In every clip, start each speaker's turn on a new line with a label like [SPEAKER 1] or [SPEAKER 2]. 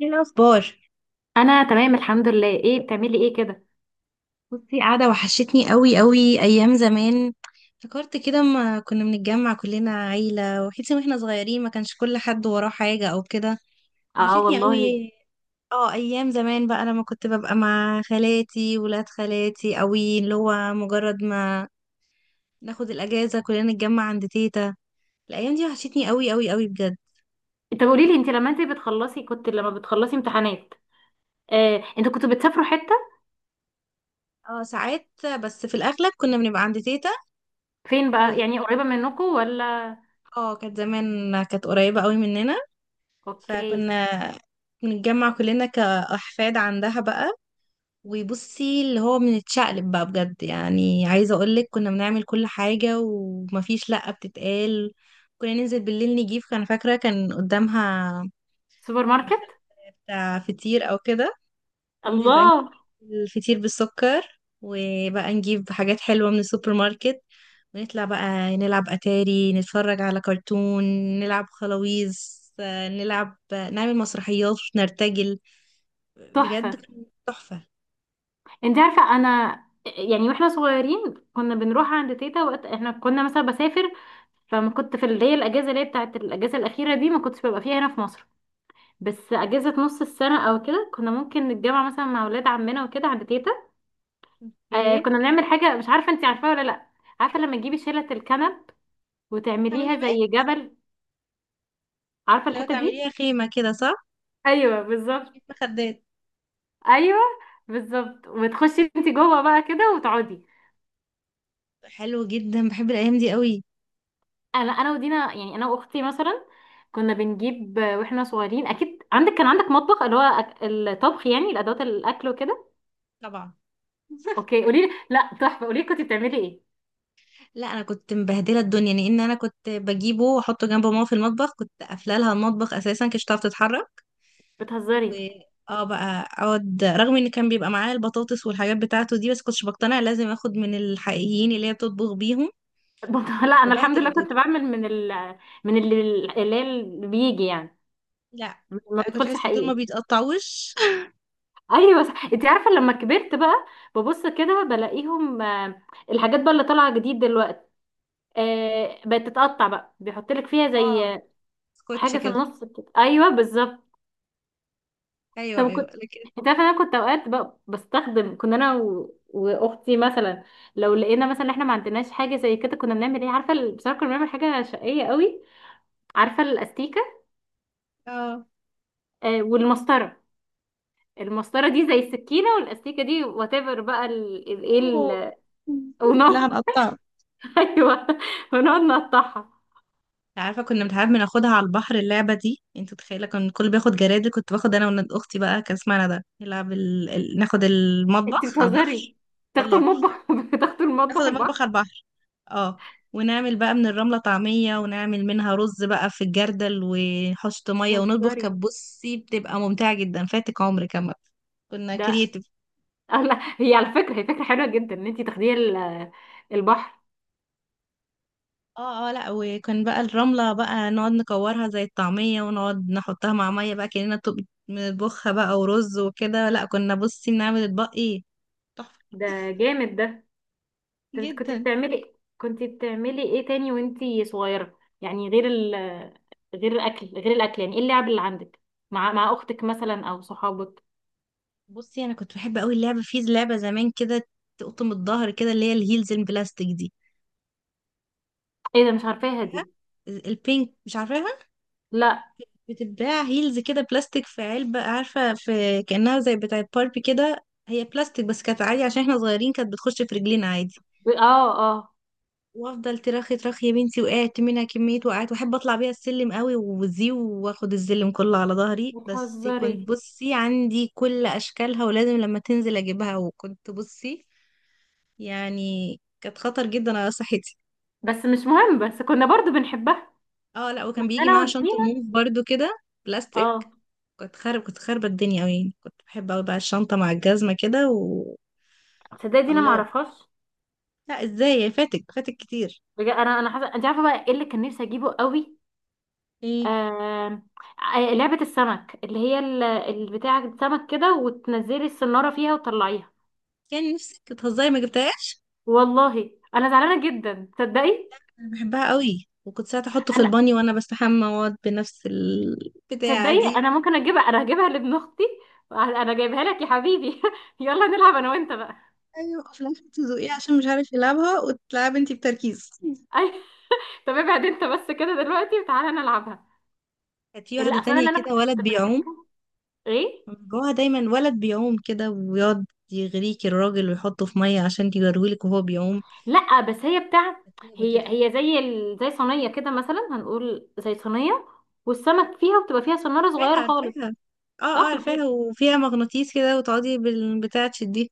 [SPEAKER 1] ايه الاخبار؟
[SPEAKER 2] انا تمام الحمد لله. ايه بتعملي ايه كده؟
[SPEAKER 1] بصي، قاعده. وحشتني قوي قوي ايام زمان. فكرت كده ما كنا بنتجمع كلنا، عيله وحيتي واحنا صغيرين، ما كانش كل حد وراه حاجه او كده.
[SPEAKER 2] اه
[SPEAKER 1] وحشتني
[SPEAKER 2] والله.
[SPEAKER 1] قوي. اه ايام زمان بقى، لما كنت ببقى مع خالاتي ولاد خالاتي قوي، اللي هو مجرد ما ناخد الاجازه كلنا نتجمع عند تيتا. الايام دي وحشتني قوي قوي قوي بجد.
[SPEAKER 2] طب قولي لي، انت لما انت بتخلصي كنت لما بتخلصي امتحانات؟ انتوا كنتوا بتسافروا حتة؟
[SPEAKER 1] اه، ساعات. بس في الاغلب كنا بنبقى عند تيتا.
[SPEAKER 2] فين
[SPEAKER 1] و
[SPEAKER 2] بقى، يعني قريبة منكم ولا؟
[SPEAKER 1] اه كانت زمان كانت قريبه قوي مننا.
[SPEAKER 2] اوكي.
[SPEAKER 1] فكنا نتجمع كلنا كأحفاد عندها بقى. وبصي اللي هو بنتشقلب بقى بجد، يعني عايزة اقولك كنا بنعمل كل حاجة ومفيش لأ بتتقال. كنا ننزل بالليل نجيب، كان فاكرة كان قدامها
[SPEAKER 2] سوبر ماركت.
[SPEAKER 1] محل بتاع فطير او كده. ننزل بقى
[SPEAKER 2] الله.
[SPEAKER 1] الفطير بالسكر، وبقى نجيب حاجات حلوة من السوبر ماركت، ونطلع بقى نلعب أتاري، نتفرج على كرتون، نلعب خلاويص، نلعب، نعمل مسرحيات نرتجل. بجد
[SPEAKER 2] تحفة.
[SPEAKER 1] كان تحفة.
[SPEAKER 2] انت عارفة، انا يعني واحنا صغيرين كنا بنروح عند تيتا وقت احنا كنا مثلا بسافر. فما كنت في اللي هي الاجازة اللي هي بتاعت الاجازة الاخيرة دي ما كنتش ببقى فيها هنا في مصر. بس اجازة نص السنة او كده كنا ممكن نتجمع مثلا مع ولاد عمنا وكده عند تيتا.
[SPEAKER 1] ايه،
[SPEAKER 2] كنا بنعمل حاجة، مش عارفة انتي عارفاها ولا لأ. عارفة لما تجيبي شيلة الكنب
[SPEAKER 1] تعملي
[SPEAKER 2] وتعمليها
[SPEAKER 1] بيت.
[SPEAKER 2] زي جبل؟ عارفة
[SPEAKER 1] لو
[SPEAKER 2] الحتة دي؟
[SPEAKER 1] تعمليها خيمة كده، صح.
[SPEAKER 2] ايوه بالظبط.
[SPEAKER 1] بيت مخدات.
[SPEAKER 2] ايوه بالظبط، وتخشي انتي جوه بقى كده وتقعدي.
[SPEAKER 1] حلو جدا، بحب الأيام دي قوي.
[SPEAKER 2] انا ودينا، يعني انا واختي مثلا كنا بنجيب واحنا صغيرين اكيد عندك مطبخ، اللي هو الطبخ، يعني الادوات الاكل وكده.
[SPEAKER 1] طبعا.
[SPEAKER 2] اوكي، قولي لي. لا تحفة، قولي لي، كنتي بتعملي ايه؟
[SPEAKER 1] لا، انا كنت مبهدله الدنيا لان انا كنت بجيبه واحطه جنب ماما في المطبخ، كنت قافله لها المطبخ اساسا كنتش تعرف تتحرك. و
[SPEAKER 2] بتهزري.
[SPEAKER 1] اه بقى اقعد رغم ان كان بيبقى معايا البطاطس والحاجات بتاعته دي، بس كنتش بقتنع، لازم اخد من الحقيقيين اللي هي بتطبخ بيهم. كنت
[SPEAKER 2] لا انا الحمد
[SPEAKER 1] ببهدل
[SPEAKER 2] لله
[SPEAKER 1] الدنيا.
[SPEAKER 2] كنت بعمل من ال من اللي اللي هي اللي بيجي يعني.
[SPEAKER 1] لا
[SPEAKER 2] ما
[SPEAKER 1] انا كنت
[SPEAKER 2] بيدخلش
[SPEAKER 1] بحس دول ما
[SPEAKER 2] حقيقي.
[SPEAKER 1] بيتقطعوش.
[SPEAKER 2] ايوه صح. انت عارفه لما كبرت بقى، ببص كده بلاقيهم الحاجات بقى اللي طالعه جديد دلوقتي، بقت تتقطع بقى، بيحط لك فيها
[SPEAKER 1] اه،
[SPEAKER 2] زي
[SPEAKER 1] سكوتش
[SPEAKER 2] حاجه في
[SPEAKER 1] كده.
[SPEAKER 2] النص كده. ايوه بالظبط.
[SPEAKER 1] ايوه،
[SPEAKER 2] طب كنت.
[SPEAKER 1] ايوه، لكن.
[SPEAKER 2] انت عارفه انا كنت اوقات بقى بستخدم، كنا انا واختي مثلا. لو لقينا مثلا احنا ما عندناش حاجه زي كده، كنا بنعمل ايه عارفه بصراحه كنا بنعمل حاجه شقيه قوي. عارفه الاستيكه؟
[SPEAKER 1] اه.
[SPEAKER 2] والمسطره. المسطره دي زي السكينه والاستيكه دي، وات ايفر بقى، ايه
[SPEAKER 1] أوه. لا،
[SPEAKER 2] ونار.
[SPEAKER 1] هنقطعه.
[SPEAKER 2] ايوه. ونقعد نقطعها.
[SPEAKER 1] عارفه كنا بنحب بناخدها على البحر اللعبه دي، انت متخيله كان الكل بياخد جرادل، كنت باخد انا وولاد اختي بقى، كان اسمها ندى، نلعب ناخد
[SPEAKER 2] انت
[SPEAKER 1] المطبخ على
[SPEAKER 2] بتهزري.
[SPEAKER 1] البحر.
[SPEAKER 2] تاخدوا
[SPEAKER 1] والله،
[SPEAKER 2] المطبخ؟ بتاخدوا
[SPEAKER 1] ناخد
[SPEAKER 2] المطبخ
[SPEAKER 1] المطبخ
[SPEAKER 2] البحر.
[SPEAKER 1] على البحر. اه، ونعمل بقى من الرملة طعمية، ونعمل منها رز بقى في الجردل وحشط مية ونطبخ،
[SPEAKER 2] بتهزري.
[SPEAKER 1] كانت بصي بتبقى ممتعة جدا، فاتك عمر كمان. كنا
[SPEAKER 2] ده.
[SPEAKER 1] كرييتيف.
[SPEAKER 2] لا، هي على فكره، هي فكره حلوه جدا ان انت تاخديه البحر.
[SPEAKER 1] اه، اه، لا وكان بقى الرملة بقى نقعد نكورها زي الطعمية، ونقعد نحطها مع مية بقى كأننا بنطبخها بقى ورز وكده، لا كنا بصي بنعمل اطباق ايه. تحفة.
[SPEAKER 2] ده جامد ده. طب انت كنت
[SPEAKER 1] جدا.
[SPEAKER 2] بتعملي كنت بتعملي ايه تاني وانت صغيره؟ يعني غير ال غير الاكل غير الاكل، يعني ايه اللعب اللي عندك مع اختك مثلا او صحابك؟
[SPEAKER 1] بصي انا كنت بحب قوي اللعبة، في لعبة زمان كده تقطم الظهر كده اللي هي الهيلز البلاستيك دي.
[SPEAKER 2] ايه ده؟ مش عارفاها دي.
[SPEAKER 1] البينك، مش عارفة.
[SPEAKER 2] لا.
[SPEAKER 1] بتتباع هيلز كده بلاستيك في علبة، عارفة، في كأنها زي بتاعة باربي كده، هي بلاستيك بس كانت عادي عشان احنا صغيرين كانت بتخش في رجلينا عادي.
[SPEAKER 2] ب- اه اه
[SPEAKER 1] وافضل ترخي ترخي يا بنتي، وقعت منها كمية، وقعت واحب اطلع بيها السلم قوي وزي واخد السلم كله على ظهري، بس كنت
[SPEAKER 2] بتهزري.
[SPEAKER 1] بصي عندي كل اشكالها، ولازم لما تنزل اجيبها، وكنت بصي يعني كانت خطر جدا على صحتي.
[SPEAKER 2] بس مش مهم، بس كنا برضو بنحبها.
[SPEAKER 1] اه، لا وكان بيجي
[SPEAKER 2] انا
[SPEAKER 1] معاها
[SPEAKER 2] والدي.
[SPEAKER 1] شنطة موف برضو كده بلاستيك.
[SPEAKER 2] اه.
[SPEAKER 1] كنت خاربة الدنيا أوي يعني، كنت بحب أوي بقى الشنطة مع الجزمة كده.
[SPEAKER 2] تصدقي دي انا ما
[SPEAKER 1] الله،
[SPEAKER 2] اعرفهاش.
[SPEAKER 1] لا، ازاي فاتك فاتك كتير.
[SPEAKER 2] بجد انا حاسه. انت عارفه بقى ايه اللي كان نفسي اجيبه قوي؟
[SPEAKER 1] ايه؟
[SPEAKER 2] آه... لعبه السمك، اللي هي البتاع السمك كده، وتنزلي السناره فيها وتطلعيها.
[SPEAKER 1] يعني نفسك بتهزري ما جبتهاش؟
[SPEAKER 2] والله انا زعلانه جدا، تصدقي.
[SPEAKER 1] أنا بحبها أوي، وكنت ساعات احطه في
[SPEAKER 2] انا،
[SPEAKER 1] البانيو وانا بستحمى واقعد بنفس البتاعة
[SPEAKER 2] تصدقي
[SPEAKER 1] دي.
[SPEAKER 2] انا ممكن اجيبها، انا هجيبها لابن اختي. انا جايبها لك يا حبيبي. يلا نلعب انا وانت بقى.
[SPEAKER 1] ايوه، في الاخر تزوقيه عشان مش عارف يلعبها وتلعب انتي بتركيز.
[SPEAKER 2] اي. طب ابعد انت بس كده دلوقتي وتعالى نلعبها.
[SPEAKER 1] كانت في واحدة
[SPEAKER 2] اللي اصلا
[SPEAKER 1] تانية
[SPEAKER 2] اللي انا
[SPEAKER 1] كده، ولد
[SPEAKER 2] كنت
[SPEAKER 1] بيعوم
[SPEAKER 2] بحبه. ايه؟
[SPEAKER 1] من جواها دايما، ولد بيعوم كده ويقعد يغريك الراجل ويحطه في مية عشان يجرويلك وهو بيعوم.
[SPEAKER 2] لا بس هي بتاعت.
[SPEAKER 1] كانت لعبة
[SPEAKER 2] هي
[SPEAKER 1] كده.
[SPEAKER 2] هي زي صينيه كده، مثلا هنقول زي صينيه، والسمك فيها، وبتبقى فيها صناره
[SPEAKER 1] عارفاها،
[SPEAKER 2] صغيره خالص.
[SPEAKER 1] عارفاها. اه، اه،
[SPEAKER 2] صح
[SPEAKER 1] عارفاها، وفيها مغناطيس كده، وتقعدي بالبتاع تشديه.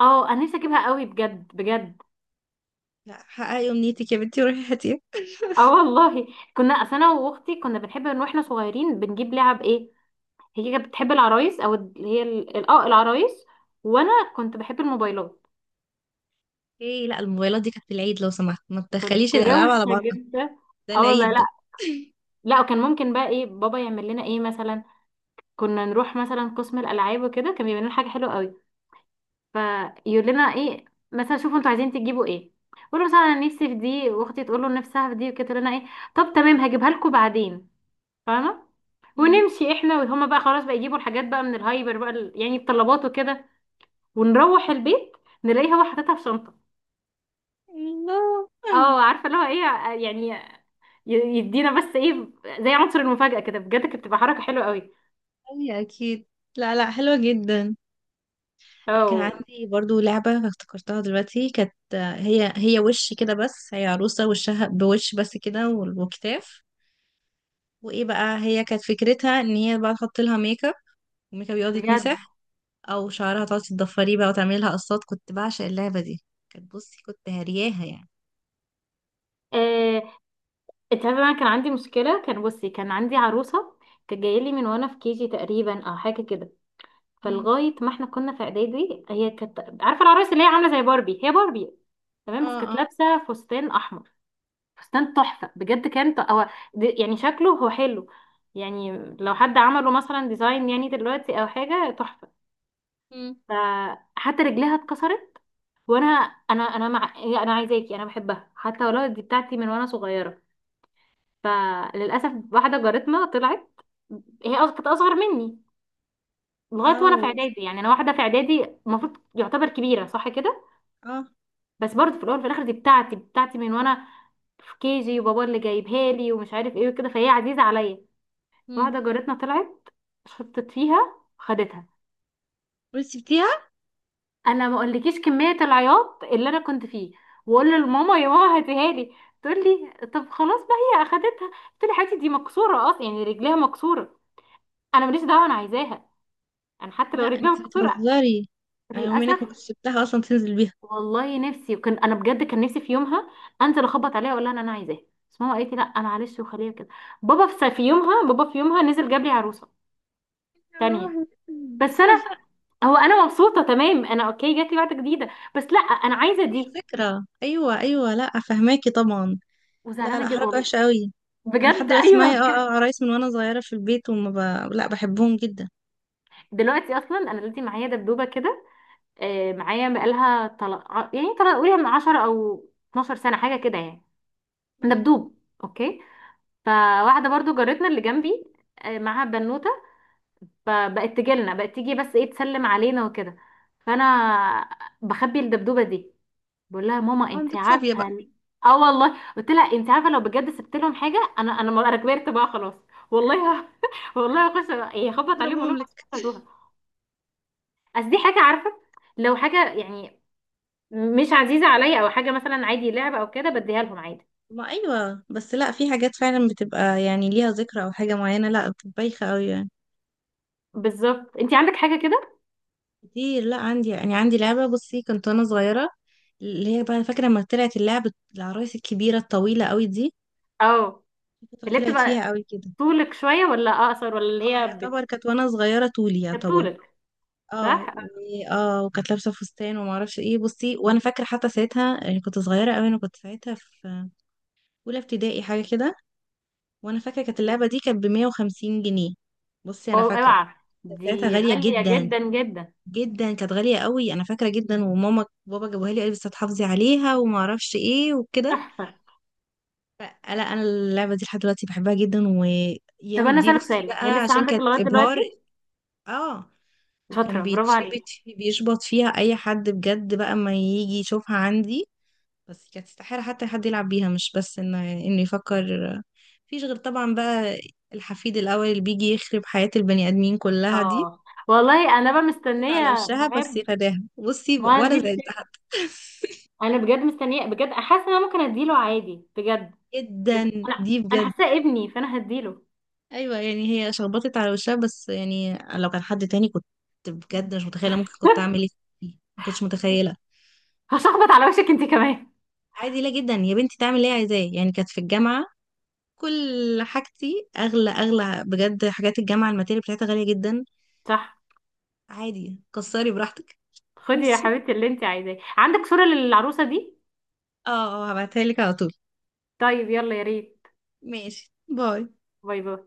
[SPEAKER 2] اه انا نفسي اجيبها قوي، بجد بجد.
[SPEAKER 1] لا، حققي امنيتك يا بنتي، روحي هاتيها.
[SPEAKER 2] اه والله. كنا اصل انا واختي كنا بنحب ان واحنا صغيرين بنجيب لعب ايه. هي كانت بتحب العرايس، او اللي هي العرايس. وانا كنت بحب الموبايلات.
[SPEAKER 1] ايه؟ لا الموبايلات دي كانت في العيد، لو سمحت ما تدخليش
[SPEAKER 2] كنت
[SPEAKER 1] الالعاب على
[SPEAKER 2] روشه
[SPEAKER 1] بعضها.
[SPEAKER 2] جدا.
[SPEAKER 1] ده
[SPEAKER 2] اه والله.
[SPEAKER 1] العيد
[SPEAKER 2] لا،
[SPEAKER 1] ده.
[SPEAKER 2] لا وكان ممكن بقى ايه بابا يعمل لنا، ايه مثلا؟ كنا نروح مثلا قسم الالعاب وكده، كان بيعمل لنا حاجه حلوه قوي. فيقول لنا ايه مثلا: شوفوا انتوا عايزين تجيبوا ايه. قولوا مثلا انا نفسي في دي، واختي تقول له نفسها في دي وكده، تقول لنا ايه: طب تمام هجيبها لكم بعدين. فاهمه؟
[SPEAKER 1] مم.
[SPEAKER 2] ونمشي احنا وهما بقى، خلاص بقى يجيبوا الحاجات بقى من الهايبر بقى، يعني الطلبات وكده، ونروح البيت نلاقيه هو حاططها في شنطه.
[SPEAKER 1] الله.
[SPEAKER 2] اه عارفه اللي هو ايه يعني، يدينا بس ايه زي عنصر المفاجاه كده، بجد كانت بتبقى حركه حلوه قوي.
[SPEAKER 1] اي، اكيد. لا، لا، حلوه جدا. انا كان
[SPEAKER 2] اه
[SPEAKER 1] عندي برضو لعبه افتكرتها دلوقتي، كانت هي هي وش كده، بس هي عروسه وشها بوش بس كده، وكتاف. وايه بقى، هي كانت فكرتها ان هي بقى تحط لها ميك اب، الميك اب يقعد
[SPEAKER 2] بجد.
[SPEAKER 1] يتمسح، او شعرها تقعدي تضفريه بقى وتعملي لها قصات. كنت بعشق اللعبه دي، كانت بصي كنت هرياها يعني.
[SPEAKER 2] آه، انت عارفه انا كان عندي مشكله؟ كان بصي كان عندي عروسه، كانت جايه لي من وانا في كيجي تقريبا او حاجه كده.
[SPEAKER 1] مم.
[SPEAKER 2] فلغايه ما احنا كنا في اعدادي، هي كانت عارفه العرايس اللي هي عامله زي باربي؟ هي باربي تمام، بس
[SPEAKER 1] اه،
[SPEAKER 2] كانت
[SPEAKER 1] اه،
[SPEAKER 2] لابسه فستان احمر. فستان تحفه بجد. كان هو يعني شكله هو حلو يعني، لو حد عمله مثلا ديزاين يعني دلوقتي او حاجه، تحفه.
[SPEAKER 1] مم.
[SPEAKER 2] فحتى رجليها اتكسرت. وانا، انا مع، انا عايزاكي، انا بحبها، حتى ولو دي بتاعتي من وانا صغيره. فللاسف واحده جارتنا طلعت، هي كانت اصغر مني، لغايه وانا في
[SPEAKER 1] او،
[SPEAKER 2] اعدادي. يعني انا واحده في اعدادي، المفروض يعتبر كبيره صح كده،
[SPEAKER 1] اه،
[SPEAKER 2] بس برضه في الاول وفي الاخر دي بتاعتي بتاعتي من وانا في كيجي، وبابا اللي جايبها لي ومش عارف ايه وكده، فهي عزيزه عليا.
[SPEAKER 1] مم.
[SPEAKER 2] واحده جارتنا طلعت شطت فيها، خدتها.
[SPEAKER 1] بس سبتيها؟
[SPEAKER 2] انا ما اقولكيش كميه العياط اللي انا كنت فيه، واقول لماما: يا ماما هاتيها لي. تقول لي: طب خلاص بقى هي اخدتها. قلت لها: يا حبيبتي دي مكسوره اصلا، يعني رجليها مكسوره، انا ماليش دعوه انا عايزاها، انا حتى
[SPEAKER 1] لا،
[SPEAKER 2] لو رجلي
[SPEAKER 1] انت
[SPEAKER 2] مكسوره.
[SPEAKER 1] بتهزري. انا يوم
[SPEAKER 2] للاسف.
[SPEAKER 1] هناك ما كنتش سبتها اصلا تنزل بيها.
[SPEAKER 2] والله نفسي، وكان انا بجد كان نفسي في يومها انزل اخبط عليها اقول لها إن انا عايزاه. بس ماما قالت لي لا معلش، وخليها كده. بابا في يومها نزل جاب لي عروسه
[SPEAKER 1] يا
[SPEAKER 2] تانية.
[SPEAKER 1] روحي.
[SPEAKER 2] بس انا، هو انا مبسوطه تمام، انا اوكي جات لي واحده جديده، بس لا انا عايزه
[SPEAKER 1] هي
[SPEAKER 2] دي.
[SPEAKER 1] ذكرى، ايوه، ايوه، لا فهماكي طبعا. لا، لا،
[SPEAKER 2] وزعلانه جدا
[SPEAKER 1] حركه
[SPEAKER 2] والله.
[SPEAKER 1] وحشه قوي. انا لحد
[SPEAKER 2] بجد.
[SPEAKER 1] دلوقتي
[SPEAKER 2] ايوه
[SPEAKER 1] معايا
[SPEAKER 2] بجد.
[SPEAKER 1] عرايس من وانا صغيره في البيت، لا بحبهم جدا.
[SPEAKER 2] دلوقتي اصلا، انا دلوقتي معايا دبدوبه كده، معايا بقالها، طلع قولي من 10 او 12 سنه حاجه كده يعني.
[SPEAKER 1] مم.
[SPEAKER 2] دبدوب. اوكي. فواحده برضو جارتنا اللي جنبي، معاها بنوته، فبقت تجيلنا بقت تيجي بس ايه تسلم علينا وكده. فانا بخبي الدبدوبه دي. بقول لها:
[SPEAKER 1] يبقى
[SPEAKER 2] ماما انت
[SPEAKER 1] عندك فوبيا
[SPEAKER 2] عارفه
[SPEAKER 1] بقى.
[SPEAKER 2] اه والله قلت لها انت عارفه لو بجد سبت لهم حاجه انا، انا كبرت بقى خلاص. والله والله هخش يخبط عليهم اقول
[SPEAKER 1] اضربهم
[SPEAKER 2] لهم: أصل
[SPEAKER 1] لك.
[SPEAKER 2] أنتوا هاتوها، اصل دي حاجه، عارفه؟ لو حاجه يعني مش عزيزه عليا، او حاجه مثلا عادي لعبه او كده، بديها لهم عادي.
[SPEAKER 1] ما ايوه، بس لا، في حاجات فعلا بتبقى يعني ليها ذكرى او حاجه معينه، لا بتبقى بايخه قوي يعني.
[SPEAKER 2] بالظبط. انت عندك حاجه كده؟
[SPEAKER 1] كتير، لا عندي، يعني عندي لعبه بصي، كنت وانا صغيره، اللي هي بقى فاكره لما طلعت اللعبه العرايس الكبيره الطويله قوي دي،
[SPEAKER 2] اه.
[SPEAKER 1] في فتره
[SPEAKER 2] اللي
[SPEAKER 1] طلعت
[SPEAKER 2] بتبقى
[SPEAKER 1] فيها قوي كده.
[SPEAKER 2] طولك شوية ولا أقصر، ولا اللي
[SPEAKER 1] اه،
[SPEAKER 2] هي
[SPEAKER 1] يعتبر كانت وانا صغيره طولي
[SPEAKER 2] كانت
[SPEAKER 1] يعتبر.
[SPEAKER 2] طولك؟ صح؟
[SPEAKER 1] وكانت لابسه فستان، وما اعرفش ايه. بصي وانا فاكره حتى ساعتها يعني كنت صغيره قوي، انا كنت ساعتها في اولى ابتدائي حاجه كده، وانا فاكره كانت اللعبه دي كانت ب 150 جنيه. بصي انا فاكره،
[SPEAKER 2] أوعى!
[SPEAKER 1] كانت ساعتها
[SPEAKER 2] دي
[SPEAKER 1] غاليه
[SPEAKER 2] غالية
[SPEAKER 1] جدا
[SPEAKER 2] جدا جدا.
[SPEAKER 1] جدا، كانت غالية قوي انا فاكرة جدا، وماما بابا جابوها لي قال لي بس هتحافظي عليها وما اعرفش ايه وكده.
[SPEAKER 2] تحفة.
[SPEAKER 1] فلا، انا اللعبة دي لحد دلوقتي بحبها جدا،
[SPEAKER 2] طب
[SPEAKER 1] ويام
[SPEAKER 2] أنا
[SPEAKER 1] دي
[SPEAKER 2] أسألك
[SPEAKER 1] بصي
[SPEAKER 2] سؤال، هي
[SPEAKER 1] بقى
[SPEAKER 2] لسه
[SPEAKER 1] عشان
[SPEAKER 2] عندك
[SPEAKER 1] كانت
[SPEAKER 2] لغاية
[SPEAKER 1] ابهار.
[SPEAKER 2] دلوقتي؟
[SPEAKER 1] اه، وكان
[SPEAKER 2] شاطرة، برافو عليك.
[SPEAKER 1] بيشبط فيها اي حد بجد بقى ما يجي يشوفها عندي، بس كانت استحالة حتى حد يلعب بيها مش بس ان انه يفكر فيش، غير طبعا بقى الحفيد الاول اللي بيجي يخرب حياة البني ادمين كلها دي.
[SPEAKER 2] اه والله. أنا بقى
[SPEAKER 1] حطت على
[SPEAKER 2] مستنية.
[SPEAKER 1] وشها بس، يا
[SPEAKER 2] مهاب،
[SPEAKER 1] فداها، بصي
[SPEAKER 2] ما دي
[SPEAKER 1] ولا زعلت
[SPEAKER 2] الفكرة.
[SPEAKER 1] حتى.
[SPEAKER 2] أنا بجد مستنية، بجد حاسة إن أنا ممكن أديله عادي بجد.
[SPEAKER 1] جدا.
[SPEAKER 2] أنا
[SPEAKER 1] دي
[SPEAKER 2] أنا
[SPEAKER 1] بجد،
[SPEAKER 2] حاساه ابني، فأنا هديله.
[SPEAKER 1] ايوه يعني هي شخبطت على وشها بس، يعني لو كان حد تاني كنت بجد مش متخيله ممكن كنت اعمل ايه فيه. ما كنتش متخيله.
[SPEAKER 2] هشخبط على وشك أنت كمان.
[SPEAKER 1] عادي، لا جدا يا بنتي، تعمل ايه، عايزاه، يعني كانت في الجامعه كل حاجتي اغلى اغلى بجد، حاجات الجامعه الماتيريال بتاعتها غاليه جدا.
[SPEAKER 2] صح.
[SPEAKER 1] عادي كسري براحتك.
[SPEAKER 2] خدي يا
[SPEAKER 1] ماشي.
[SPEAKER 2] حبيبتي اللي أنت عايزاه. عندك صورة للعروسة دي؟
[SPEAKER 1] اه، اه، هبعتها لك على طول.
[SPEAKER 2] طيب يلا يا ريت.
[SPEAKER 1] ماشي، باي.
[SPEAKER 2] باي باي.